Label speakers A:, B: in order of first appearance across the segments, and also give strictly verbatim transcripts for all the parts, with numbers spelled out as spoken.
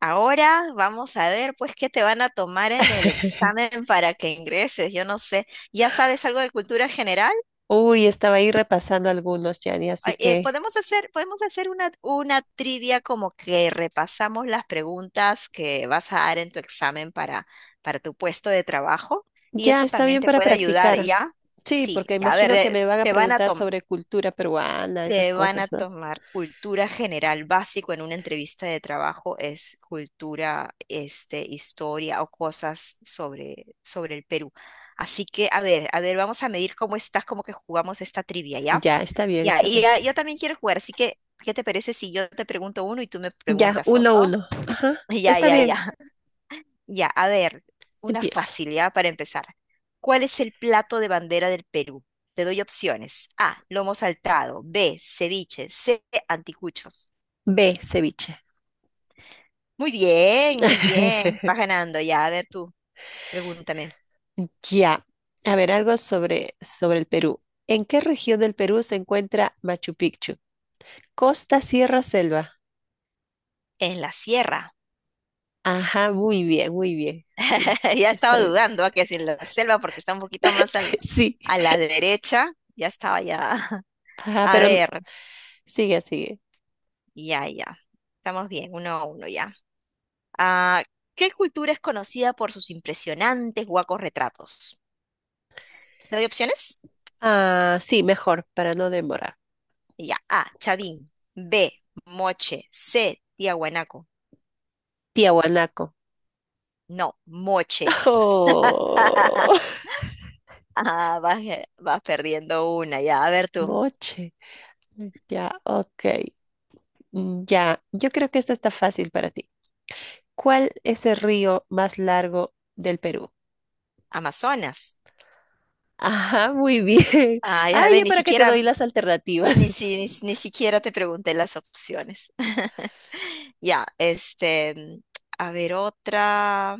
A: Ahora vamos a ver, pues, qué te van a tomar en el examen para que ingreses. Yo no sé. ¿Ya sabes algo de cultura general?
B: Uy, estaba ahí repasando algunos, Yanni, así
A: Ay, eh,
B: que
A: podemos hacer, podemos hacer una, una trivia, como que repasamos las preguntas que vas a dar en tu examen para, para, tu puesto de trabajo, y
B: ya
A: eso
B: está
A: también
B: bien
A: te
B: para
A: puede ayudar,
B: practicar.
A: ¿ya?
B: Sí,
A: Sí,
B: porque
A: ya, a ver,
B: imagino que
A: eh,
B: me van a
A: te van a
B: preguntar
A: tomar.
B: sobre cultura peruana, esas
A: Te van a
B: cosas, ¿no?
A: tomar cultura general básico en una entrevista de trabajo, es cultura, este, historia o cosas sobre, sobre el Perú. Así que, a ver, a ver, vamos a medir cómo estás, como que jugamos esta trivia, ¿ya?
B: Ya, está bien,
A: Ya,
B: está
A: y
B: bien.
A: ya, yo también quiero jugar, así que, ¿qué te parece si yo te pregunto uno y tú me
B: Ya,
A: preguntas
B: uno,
A: otro?
B: uno.
A: Ya,
B: Está
A: ya,
B: bien,
A: ya. Ya, a ver, una
B: empiezo.
A: facilidad para empezar. ¿Cuál es el plato de bandera del Perú? Te doy opciones. A, lomo saltado. B, ceviche. C, anticuchos.
B: B, ceviche.
A: Muy bien, muy bien. Vas ganando ya. A ver, tú, pregúntame.
B: Ya. A ver, algo sobre, sobre el Perú. ¿En qué región del Perú se encuentra Machu Picchu? Costa, sierra, selva.
A: En la sierra.
B: Ajá, muy bien, muy bien. Sí,
A: Ya
B: está
A: estaba
B: bien.
A: dudando a que si en la selva porque está un poquito más al-
B: Sí.
A: a la derecha. Ya estaba ya.
B: Ajá,
A: A
B: pero
A: ver,
B: sigue, sigue.
A: ya, ya. Estamos bien, uno a uno ya. Ah, ¿qué cultura es conocida por sus impresionantes huacos retratos? ¿Te doy opciones?
B: Ah, sí, mejor, para no demorar.
A: Y ya. A, Chavín. B, Moche. C, Tiahuanaco.
B: Tiahuanaco.
A: No, Moche.
B: Oh,
A: Ah, vas, eh, vas perdiendo una, ya. A ver, tú.
B: Moche. Ya, ok. Mm, Ya, yo creo que esta está fácil para ti. ¿Cuál es el río más largo del Perú?
A: Amazonas.
B: Ajá, muy bien.
A: Ah,
B: Ah,
A: ya ve,
B: ya
A: ni
B: para que te
A: siquiera,
B: doy las alternativas.
A: ni, si- ni, ni siquiera te pregunté las opciones. Ya, este, mm, a ver otra.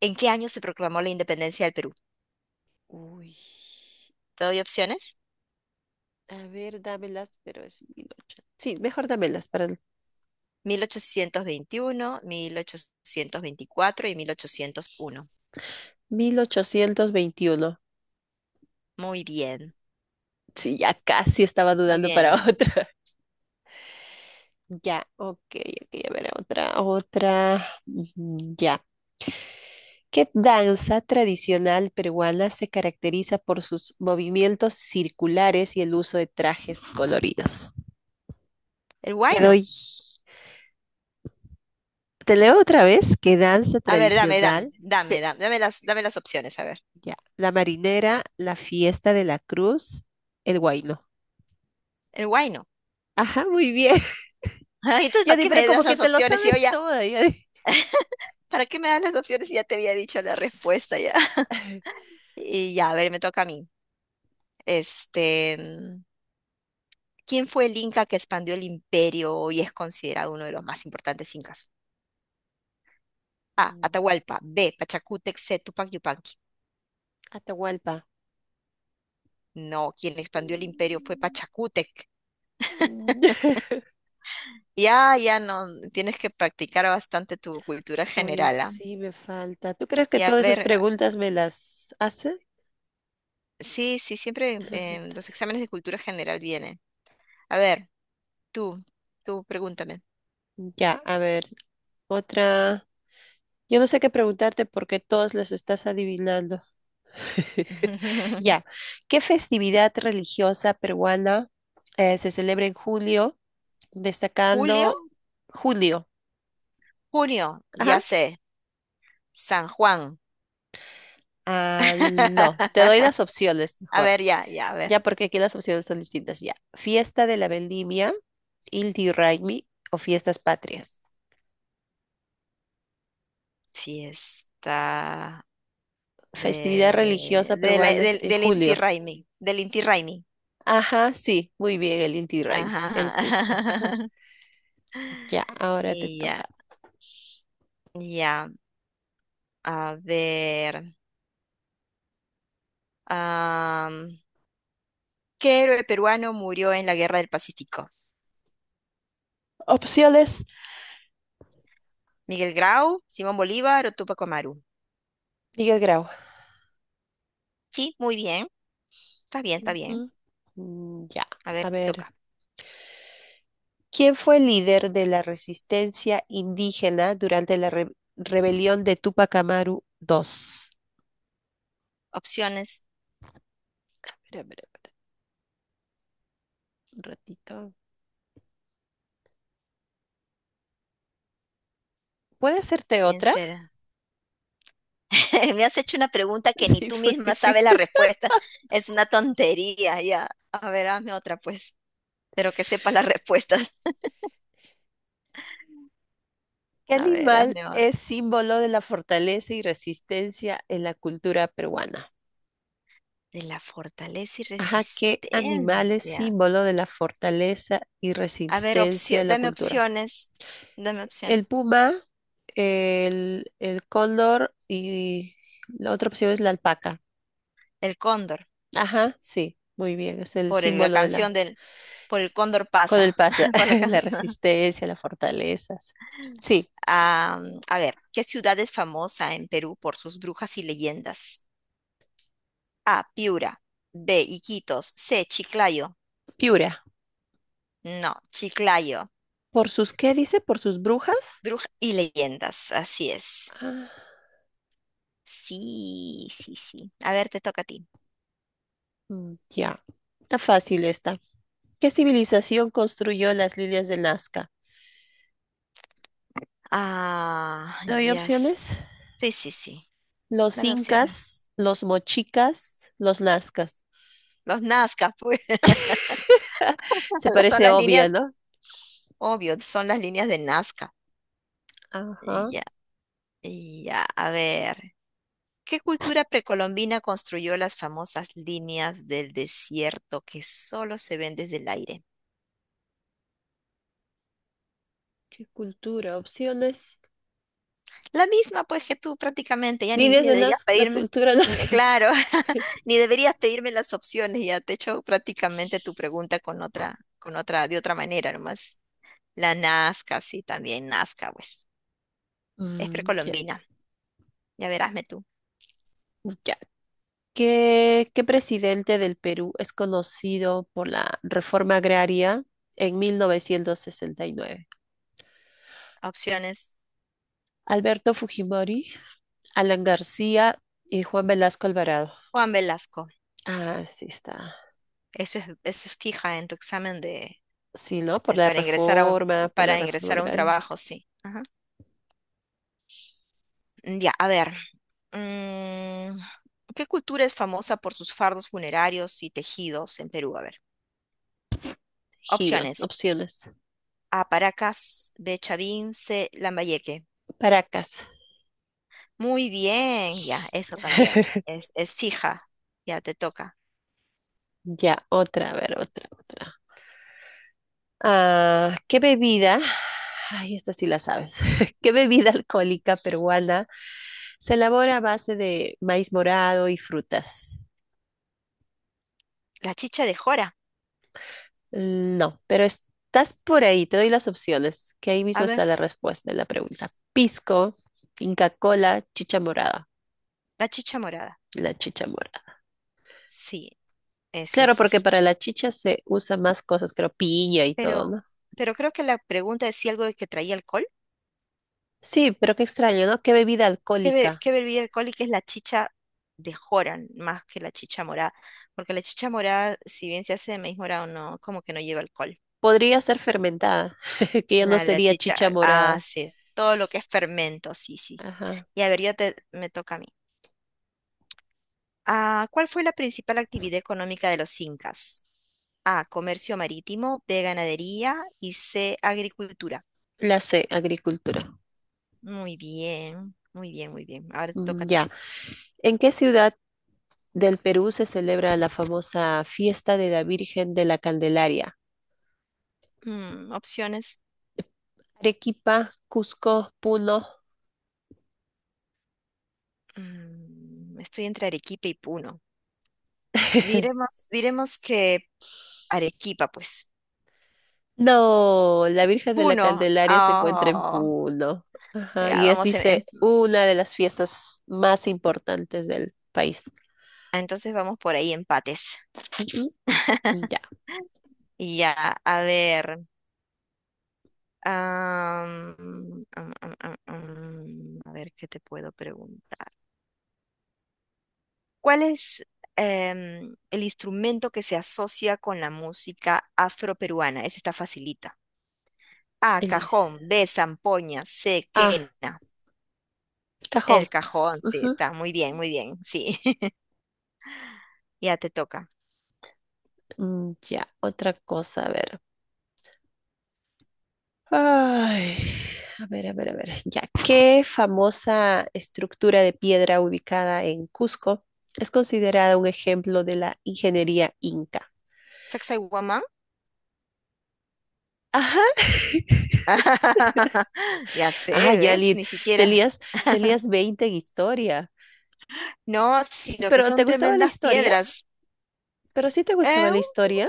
A: ¿En qué año se proclamó la independencia del Perú?
B: uy.
A: ¿Te doy opciones?
B: A ver, dámelas, pero es mil ochocientos. Sí, mejor dámelas para el
A: Mil ochocientos veintiuno, mil ochocientos veinticuatro y mil ochocientos uno.
B: mil ochocientos veintiuno.
A: Muy bien,
B: Sí, ya casi estaba
A: muy
B: dudando para
A: bien.
B: otra. Ya, ok, ok, a ver, otra, otra, ujú, ya. ¿Qué danza tradicional peruana se caracteriza por sus movimientos circulares y el uso de trajes coloridos?
A: El
B: Te
A: guayno.
B: doy, te leo otra vez, ¿qué danza
A: A ver, dame, dame,
B: tradicional?
A: dame,
B: pe-
A: dame, dame las, dame las opciones, a ver.
B: ya, la marinera, la fiesta de la cruz, el guayno.
A: El guayno.
B: Ajá, muy bien.
A: Ay, entonces,
B: Ya
A: ¿para
B: di,
A: qué
B: pero
A: me
B: como
A: das
B: que
A: las
B: te lo
A: opciones si yo
B: sabes
A: ya…?
B: todo, ya di.
A: ¿Para qué me das las opciones si ya te había dicho la respuesta ya? Y ya, a ver, me toca a mí. Este, mm, ¿quién fue el inca que expandió el imperio y es considerado uno de los más importantes incas? A.
B: Mm,
A: Atahualpa. B. Pachacútec. C. Tupac Yupanqui.
B: Atahualpa.
A: No, quien expandió el imperio fue
B: Mm,
A: Pachacútec.
B: mm.
A: Ya, ya no, tienes que practicar bastante tu cultura
B: Hoy
A: general, ¿ah?
B: sí, me falta. ¿Tú crees que
A: Y a
B: todas esas
A: ver, ah,
B: preguntas me las hace?
A: sí, sí, siempre
B: Esas
A: en
B: preguntas.
A: los exámenes de cultura general vienen. A ver, tú, tú pregúntame.
B: Ya, a ver, otra. Yo no sé qué preguntarte porque todas las estás adivinando. Ya, ¿qué festividad religiosa peruana eh, se celebra en julio,
A: ¿Julio?
B: destacando julio?
A: Junio,
B: Ajá.
A: ya sé. San Juan.
B: Ah, no, te doy las opciones
A: A
B: mejor.
A: ver, ya, ya, a ver.
B: Ya, porque aquí las opciones son distintas. Ya, fiesta de la vendimia, Inti Raymi o fiestas patrias.
A: Fiesta
B: Festividad
A: de,
B: religiosa
A: de la-
B: peruana
A: del,
B: en
A: del Inti
B: julio.
A: Raymi, del Inti Raymi.
B: Ajá, sí, muy bien, el Inti Raymi,
A: Ajá.
B: el Cusco. Ah, ya, ahora te
A: Y
B: toca.
A: ya, ya, a ver. Am, ¿Qué héroe peruano murió en la Guerra del Pacífico?
B: Opciones,
A: ¿Miguel Grau, Simón Bolívar o Tupac Amaru?
B: Miguel Grau.
A: Sí, muy bien. Está bien, está bien.
B: Ujú. Mm, Ya,
A: A ver,
B: a
A: te
B: ver.
A: toca.
B: ¿Quién fue el líder de la resistencia indígena durante la re- rebelión de Tupac Amaru segundo?
A: Opciones.
B: Espera, espera, espera, un ratito. ¿Puede hacerte
A: ¿Quién
B: otra?
A: será? Me has hecho una pregunta que ni
B: Sí,
A: tú
B: fue.
A: misma sabes la respuesta. Es una tontería, ya. A ver, hazme otra, pues. Pero que sepa las respuestas.
B: ¿Qué
A: A ver,
B: animal
A: hazme otra.
B: es símbolo de la fortaleza y resistencia en la cultura peruana?
A: De la fortaleza y
B: Ajá, ¿qué animal es
A: resistencia.
B: símbolo de la fortaleza y
A: A ver,
B: resistencia
A: opcio-
B: en la
A: dame
B: cultura?
A: opciones. Dame opción.
B: El puma, el, el cóndor y la otra opción es la alpaca.
A: El cóndor,
B: Ajá, sí, muy bien, es el
A: por el- la
B: símbolo de
A: canción
B: la,
A: del... Por el cóndor
B: con el
A: pasa.
B: pasa,
A: Por la ca-
B: la resistencia, las fortalezas. Sí,
A: Ah, a ver, ¿qué ciudad es famosa en Perú por sus brujas y leyendas? A. Piura. B. Iquitos. C. Chiclayo.
B: Piura.
A: No, Chiclayo.
B: ¿Por sus qué dice? ¿Por sus brujas?
A: Brujas y leyendas. Así es.
B: Ah,
A: Sí, sí, sí. A ver, te toca a ti.
B: mm, ya, está fácil esta. ¿Qué civilización construyó las líneas de Nazca?
A: Ah,
B: ¿Doy
A: ya. s-
B: opciones?
A: Sí, sí, sí.
B: Los
A: Dame opciones.
B: incas, los mochicas, los nazcas.
A: Los Nazca, pues.
B: Se
A: Son
B: parece
A: las
B: obvia,
A: líneas,
B: ¿no?
A: obvio, son las líneas de Nazca.
B: Ajá.
A: Ya, ya. A ver. ¿Qué cultura precolombina construyó las famosas líneas del desierto que solo se ven desde el aire?
B: ¿Qué cultura? Opciones.
A: La misma, pues, que tú prácticamente, ya ni,
B: Líneas
A: ni
B: de
A: deberías
B: naz- la
A: pedirme,
B: cultura
A: n-
B: nazca.
A: claro, ni deberías pedirme las opciones, ya te he hecho prácticamente tu pregunta con otra, con otra, de otra manera nomás. La Nazca, sí, también Nazca, pues, es
B: Mm, ya,
A: precolombina, ya verásme tú.
B: ya. ¿Qué, qué presidente del Perú es conocido por la reforma agraria en mil novecientos sesenta y nueve?
A: Opciones,
B: Alberto Fujimori, Alan García y Juan Velasco Alvarado.
A: Juan Velasco,
B: Ah, sí está.
A: eso es, eso es fija en tu examen de,
B: Sí, ¿no? Por
A: eh,
B: la
A: para ingresar a un,
B: reforma, por la
A: para
B: reforma
A: ingresar a un
B: agraria.
A: trabajo, sí. Ajá. Ya, a ver, mm, ¿qué cultura es famosa por sus fardos funerarios y tejidos en Perú? A ver,
B: Ejidos,
A: opciones.
B: opciones.
A: A, Paracas, B, Chavín, C, Lambayeque.
B: Paracas.
A: Muy bien, ya, eso también. Es, es fija, ya te toca.
B: Ya, otra, a ver, otra, otra. Ah, ¿qué bebida? Ay, esta sí la sabes. ¿Qué bebida alcohólica peruana se elabora a base de maíz morado y frutas?
A: La chicha de jora,
B: Mm, No, pero estás por ahí, te doy las opciones, que ahí
A: a
B: mismo
A: ver,
B: está la respuesta de la pregunta. Pisco, Inca Cola, chicha morada.
A: la chicha morada.
B: La chicha morada.
A: Sí, ese
B: Claro,
A: es,
B: porque
A: es.
B: para la chicha se usa más cosas, creo, piña y todo,
A: Pero,
B: ¿no?
A: pero creo que la pregunta decía algo de que traía alcohol.
B: Sí, pero qué extraño, ¿no? Qué bebida
A: ¿Qué, be-
B: alcohólica.
A: qué bebida alcohólica es la chicha de Joran más que la chicha morada? Porque la chicha morada, si bien se hace de maíz morado, no, como que no lleva alcohol.
B: Podría ser fermentada, que ya no
A: La, la
B: sería
A: chicha,
B: chicha
A: ah,
B: morada.
A: sí, todo lo que es fermento, sí, sí.
B: Ajá.
A: Y a ver, yo te, me toca a mí. Ah, ¿cuál fue la principal actividad económica de los incas? A, comercio marítimo, B, ganadería y C, agricultura.
B: La C, agricultura.
A: Muy bien, muy bien, muy bien. Ahora te toca
B: Mm,
A: a ti.
B: ya. ¿En qué ciudad del Perú se celebra la famosa fiesta de la Virgen de la Candelaria?
A: Mm, opciones.
B: Arequipa, Cusco, Puno.
A: Mm, estoy entre Arequipa y Puno. Diremos, diremos que Arequipa, pues.
B: No, la Virgen de la
A: Uno.
B: Candelaria se encuentra en
A: Ah,
B: Puno. Ajá,
A: ya,
B: y es,
A: vamos en-
B: dice,
A: en-
B: una de las fiestas más importantes del país.
A: entonces vamos por ahí empates.
B: Ujú. Ya.
A: Y ya, a ver. am, am, am, am, am, a ver qué te puedo preguntar. ¿Cuál es em, el instrumento que se asocia con la música afroperuana? Ese está facilita. A,
B: el-
A: cajón, B, zampoña, C,
B: Ah,
A: quena. El
B: cajón.
A: cajón, sí,
B: Ujú.
A: está muy bien, muy bien, sí. Ya te toca.
B: Mm, Ya, otra cosa, a ver. Ay, a ver, a ver, a ver. Ya, ¿qué famosa estructura de piedra ubicada en Cusco es considerada un ejemplo de la ingeniería inca?
A: Sacsayhuamán.
B: Ajá.
A: Ya sé,
B: Ah, ya,
A: ¿ves?
B: Lid,
A: Ni
B: te
A: siquiera.
B: lías, te lías veinte en historia.
A: No, sí, lo que
B: ¿Pero te
A: son
B: gustaba la
A: tremendas
B: historia?
A: piedras.
B: ¿Pero sí te
A: Eh,
B: gustaba la
A: un-
B: historia?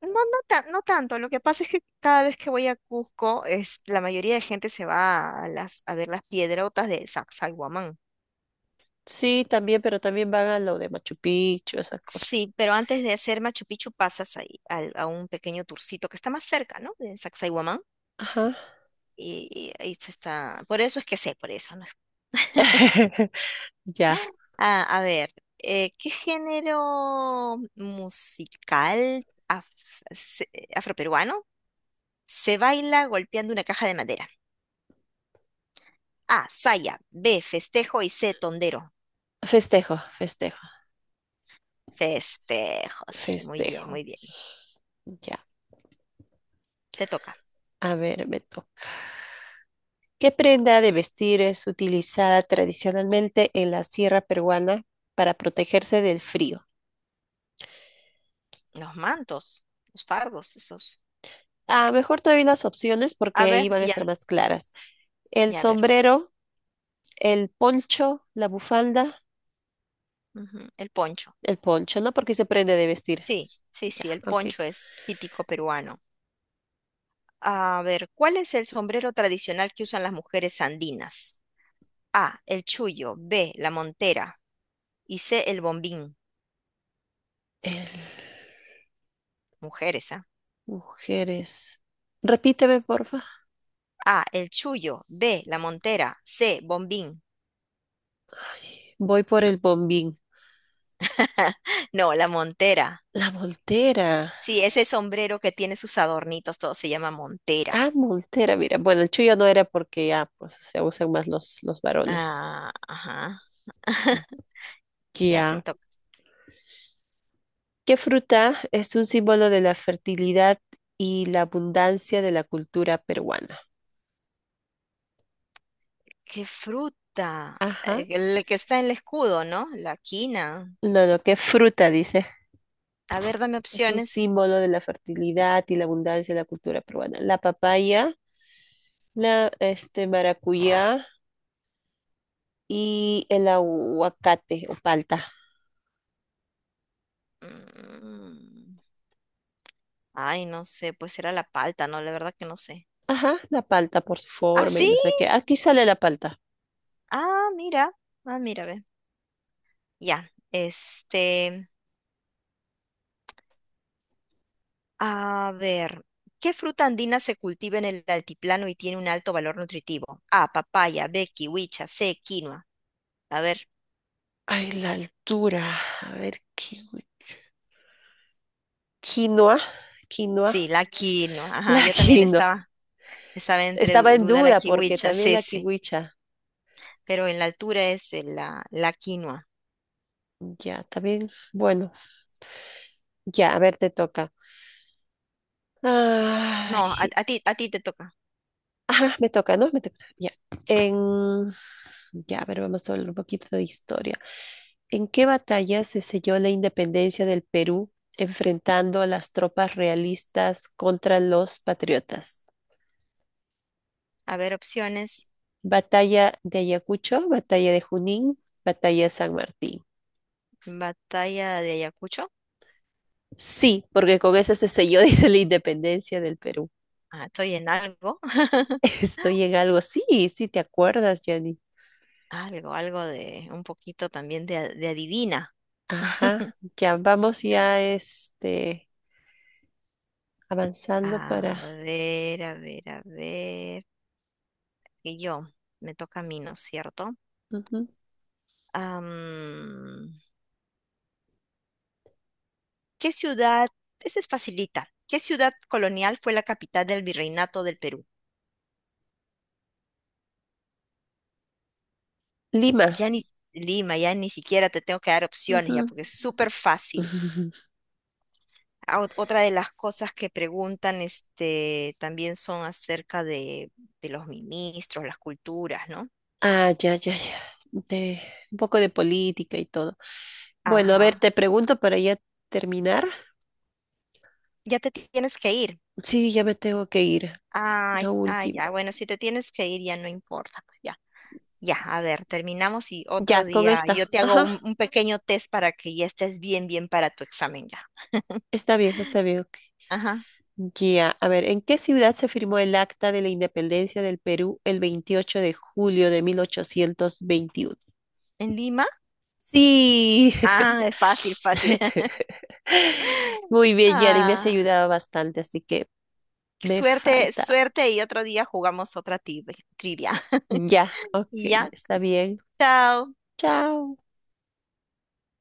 A: no, no, tan- no tanto. Lo que pasa es que cada vez que voy a Cusco, es, la mayoría de gente se va a, las, a ver las piedrotas de Sa-
B: Sí, también, pero también van a lo de Machu Picchu, esa cosa.
A: Sí, pero antes de hacer Machu Picchu pasas ahí al- a, un pequeño turcito que está más cerca, ¿no? De Sacsayhuamán.
B: Ajá.
A: Y, y ahí se está. Por eso es que sé, por eso. ¿No?
B: Ya,
A: Ah, a ver, eh, ¿qué género musical af- se- afroperuano se baila golpeando una caja de madera? A, saya, B, festejo y C, tondero.
B: festejo, festejo,
A: Festejo, sí, muy bien,
B: festejo.
A: muy bien.
B: Ya,
A: Te toca.
B: a ver, me toca. ¿Qué prenda de vestir es utilizada tradicionalmente en la sierra peruana para protegerse del frío?
A: Los mantos, los fardos, esos.
B: Ah, mejor te doy las opciones
A: A
B: porque ahí
A: ver,
B: van a
A: ya,
B: estar más claras. El
A: ya, a ver.
B: sombrero, el poncho, la bufanda,
A: Ujú, el poncho.
B: el poncho, ¿no? Porque se prende de vestir.
A: Sí, sí,
B: Ya,
A: sí, el
B: ok.
A: poncho es típico peruano. A ver, ¿cuál es el sombrero tradicional que usan las mujeres andinas? A, el chullo, B, la montera y C, el bombín.
B: El-
A: Mujeres, ¿ah? ¿Eh?
B: Mujeres. Repíteme, porfa.
A: A, el chullo, B, la montera, C, bombín.
B: Voy por el bombín.
A: No, la montera.
B: La voltera.
A: Sí, ese sombrero que tiene sus adornitos, todo se llama montera.
B: Ah, montera, mira. Bueno, el chuyo no era porque ya, pues, se usan más los, los varones.
A: Ah, ajá. Ya te
B: Ya.
A: toca.
B: ¿Qué fruta es un símbolo de la fertilidad y la abundancia de la cultura peruana?
A: ¿Qué fruta?
B: Ajá.
A: Eh, El que está en el escudo, ¿no? La quina.
B: No, no, ¿qué fruta dice?
A: A ver, dame
B: Es un
A: opciones.
B: símbolo de la fertilidad y la abundancia de la cultura peruana. La papaya, la este maracuyá y el aguacate o palta.
A: Mm, Ay, no sé, pues era la palta, ¿no? La verdad que no sé.
B: Ajá, la palta por su
A: Ah,
B: forma y
A: sí.
B: no sé qué. Aquí sale la palta.
A: Ah, mira. Ah, mira, ve. Ya, este, a ver, ¿qué fruta andina se cultiva en el altiplano y tiene un alto valor nutritivo? A, papaya, B, kiwicha, C, quinoa. A ver,
B: Ay, la altura. A ver, qui- quinoa, quinoa,
A: sí, la quinoa. Ajá,
B: la
A: yo también
B: quinoa.
A: estaba, estaba, entre
B: Estaba en
A: duda la
B: duda porque
A: kiwicha,
B: también
A: sí,
B: la
A: sí,
B: kiwicha.
A: pero en la altura es eh, la, la quinoa.
B: Ya, también. Bueno, ya, a ver, te toca.
A: No, a,
B: Ay,
A: a ti, a ti te toca.
B: ajá, me toca, ¿no? Me toca. Ya.
A: Sí.
B: En, ya, a ver, vamos a hablar un poquito de historia. ¿En qué batalla se selló la independencia del Perú enfrentando a las tropas realistas contra los patriotas?
A: A ver, opciones.
B: Batalla de Ayacucho, Batalla de Junín, Batalla de San Martín.
A: Batalla de Ayacucho.
B: Sí, porque con esa se selló dice, la independencia del Perú.
A: Ah, estoy en algo,
B: Estoy en algo. Sí, sí, te acuerdas, Jenny.
A: algo, algo de un poquito también de, a- de adivina.
B: Ajá, ya vamos ya este, avanzando
A: A
B: para
A: ver, a ver, a ver. Que yo, me toca a mí, ¿no es cierto?
B: ujú.
A: Am, ¿qué ciudad? Esta es facilita. ¿Qué ciudad colonial fue la capital del virreinato del Perú?
B: Lima.
A: Ya ni Lima, ya ni siquiera te tengo que dar opciones ya,
B: Ujú.
A: porque es súper fácil.
B: Ujú.
A: Ah, ot- otra de las cosas que preguntan, este, también son acerca de, de, los ministros, las culturas, ¿no?
B: Ah, ya, ya, ya. De, un poco de política y todo. Bueno, a ver,
A: Ajá.
B: te pregunto para ya terminar.
A: Ya te tienes que ir.
B: Sí, ya me tengo que ir. La
A: Ay, ay,
B: última.
A: ya, bueno, si te tienes que ir, ya no importa, pues, ya. Ya, a ver, terminamos y
B: Ya,
A: otro
B: con
A: día
B: esta.
A: yo te hago un,
B: Ajá.
A: un pequeño test para que ya estés bien, bien para tu examen ya.
B: Está bien, está bien. Ok.
A: Ajá.
B: Ya, a ver, ¿en qué ciudad se firmó el Acta de la Independencia del Perú el veintiocho de julio de mil ochocientos veintiuno?
A: ¿En Lima?
B: Sí.
A: Ah, es fácil, fácil.
B: Muy bien, Yari, me has
A: Ah,
B: ayudado bastante, así que me
A: suerte,
B: falta.
A: suerte y otro día jugamos otra tri- trivia.
B: Ya, ok,
A: Ya,
B: está bien.
A: chao.
B: Chao.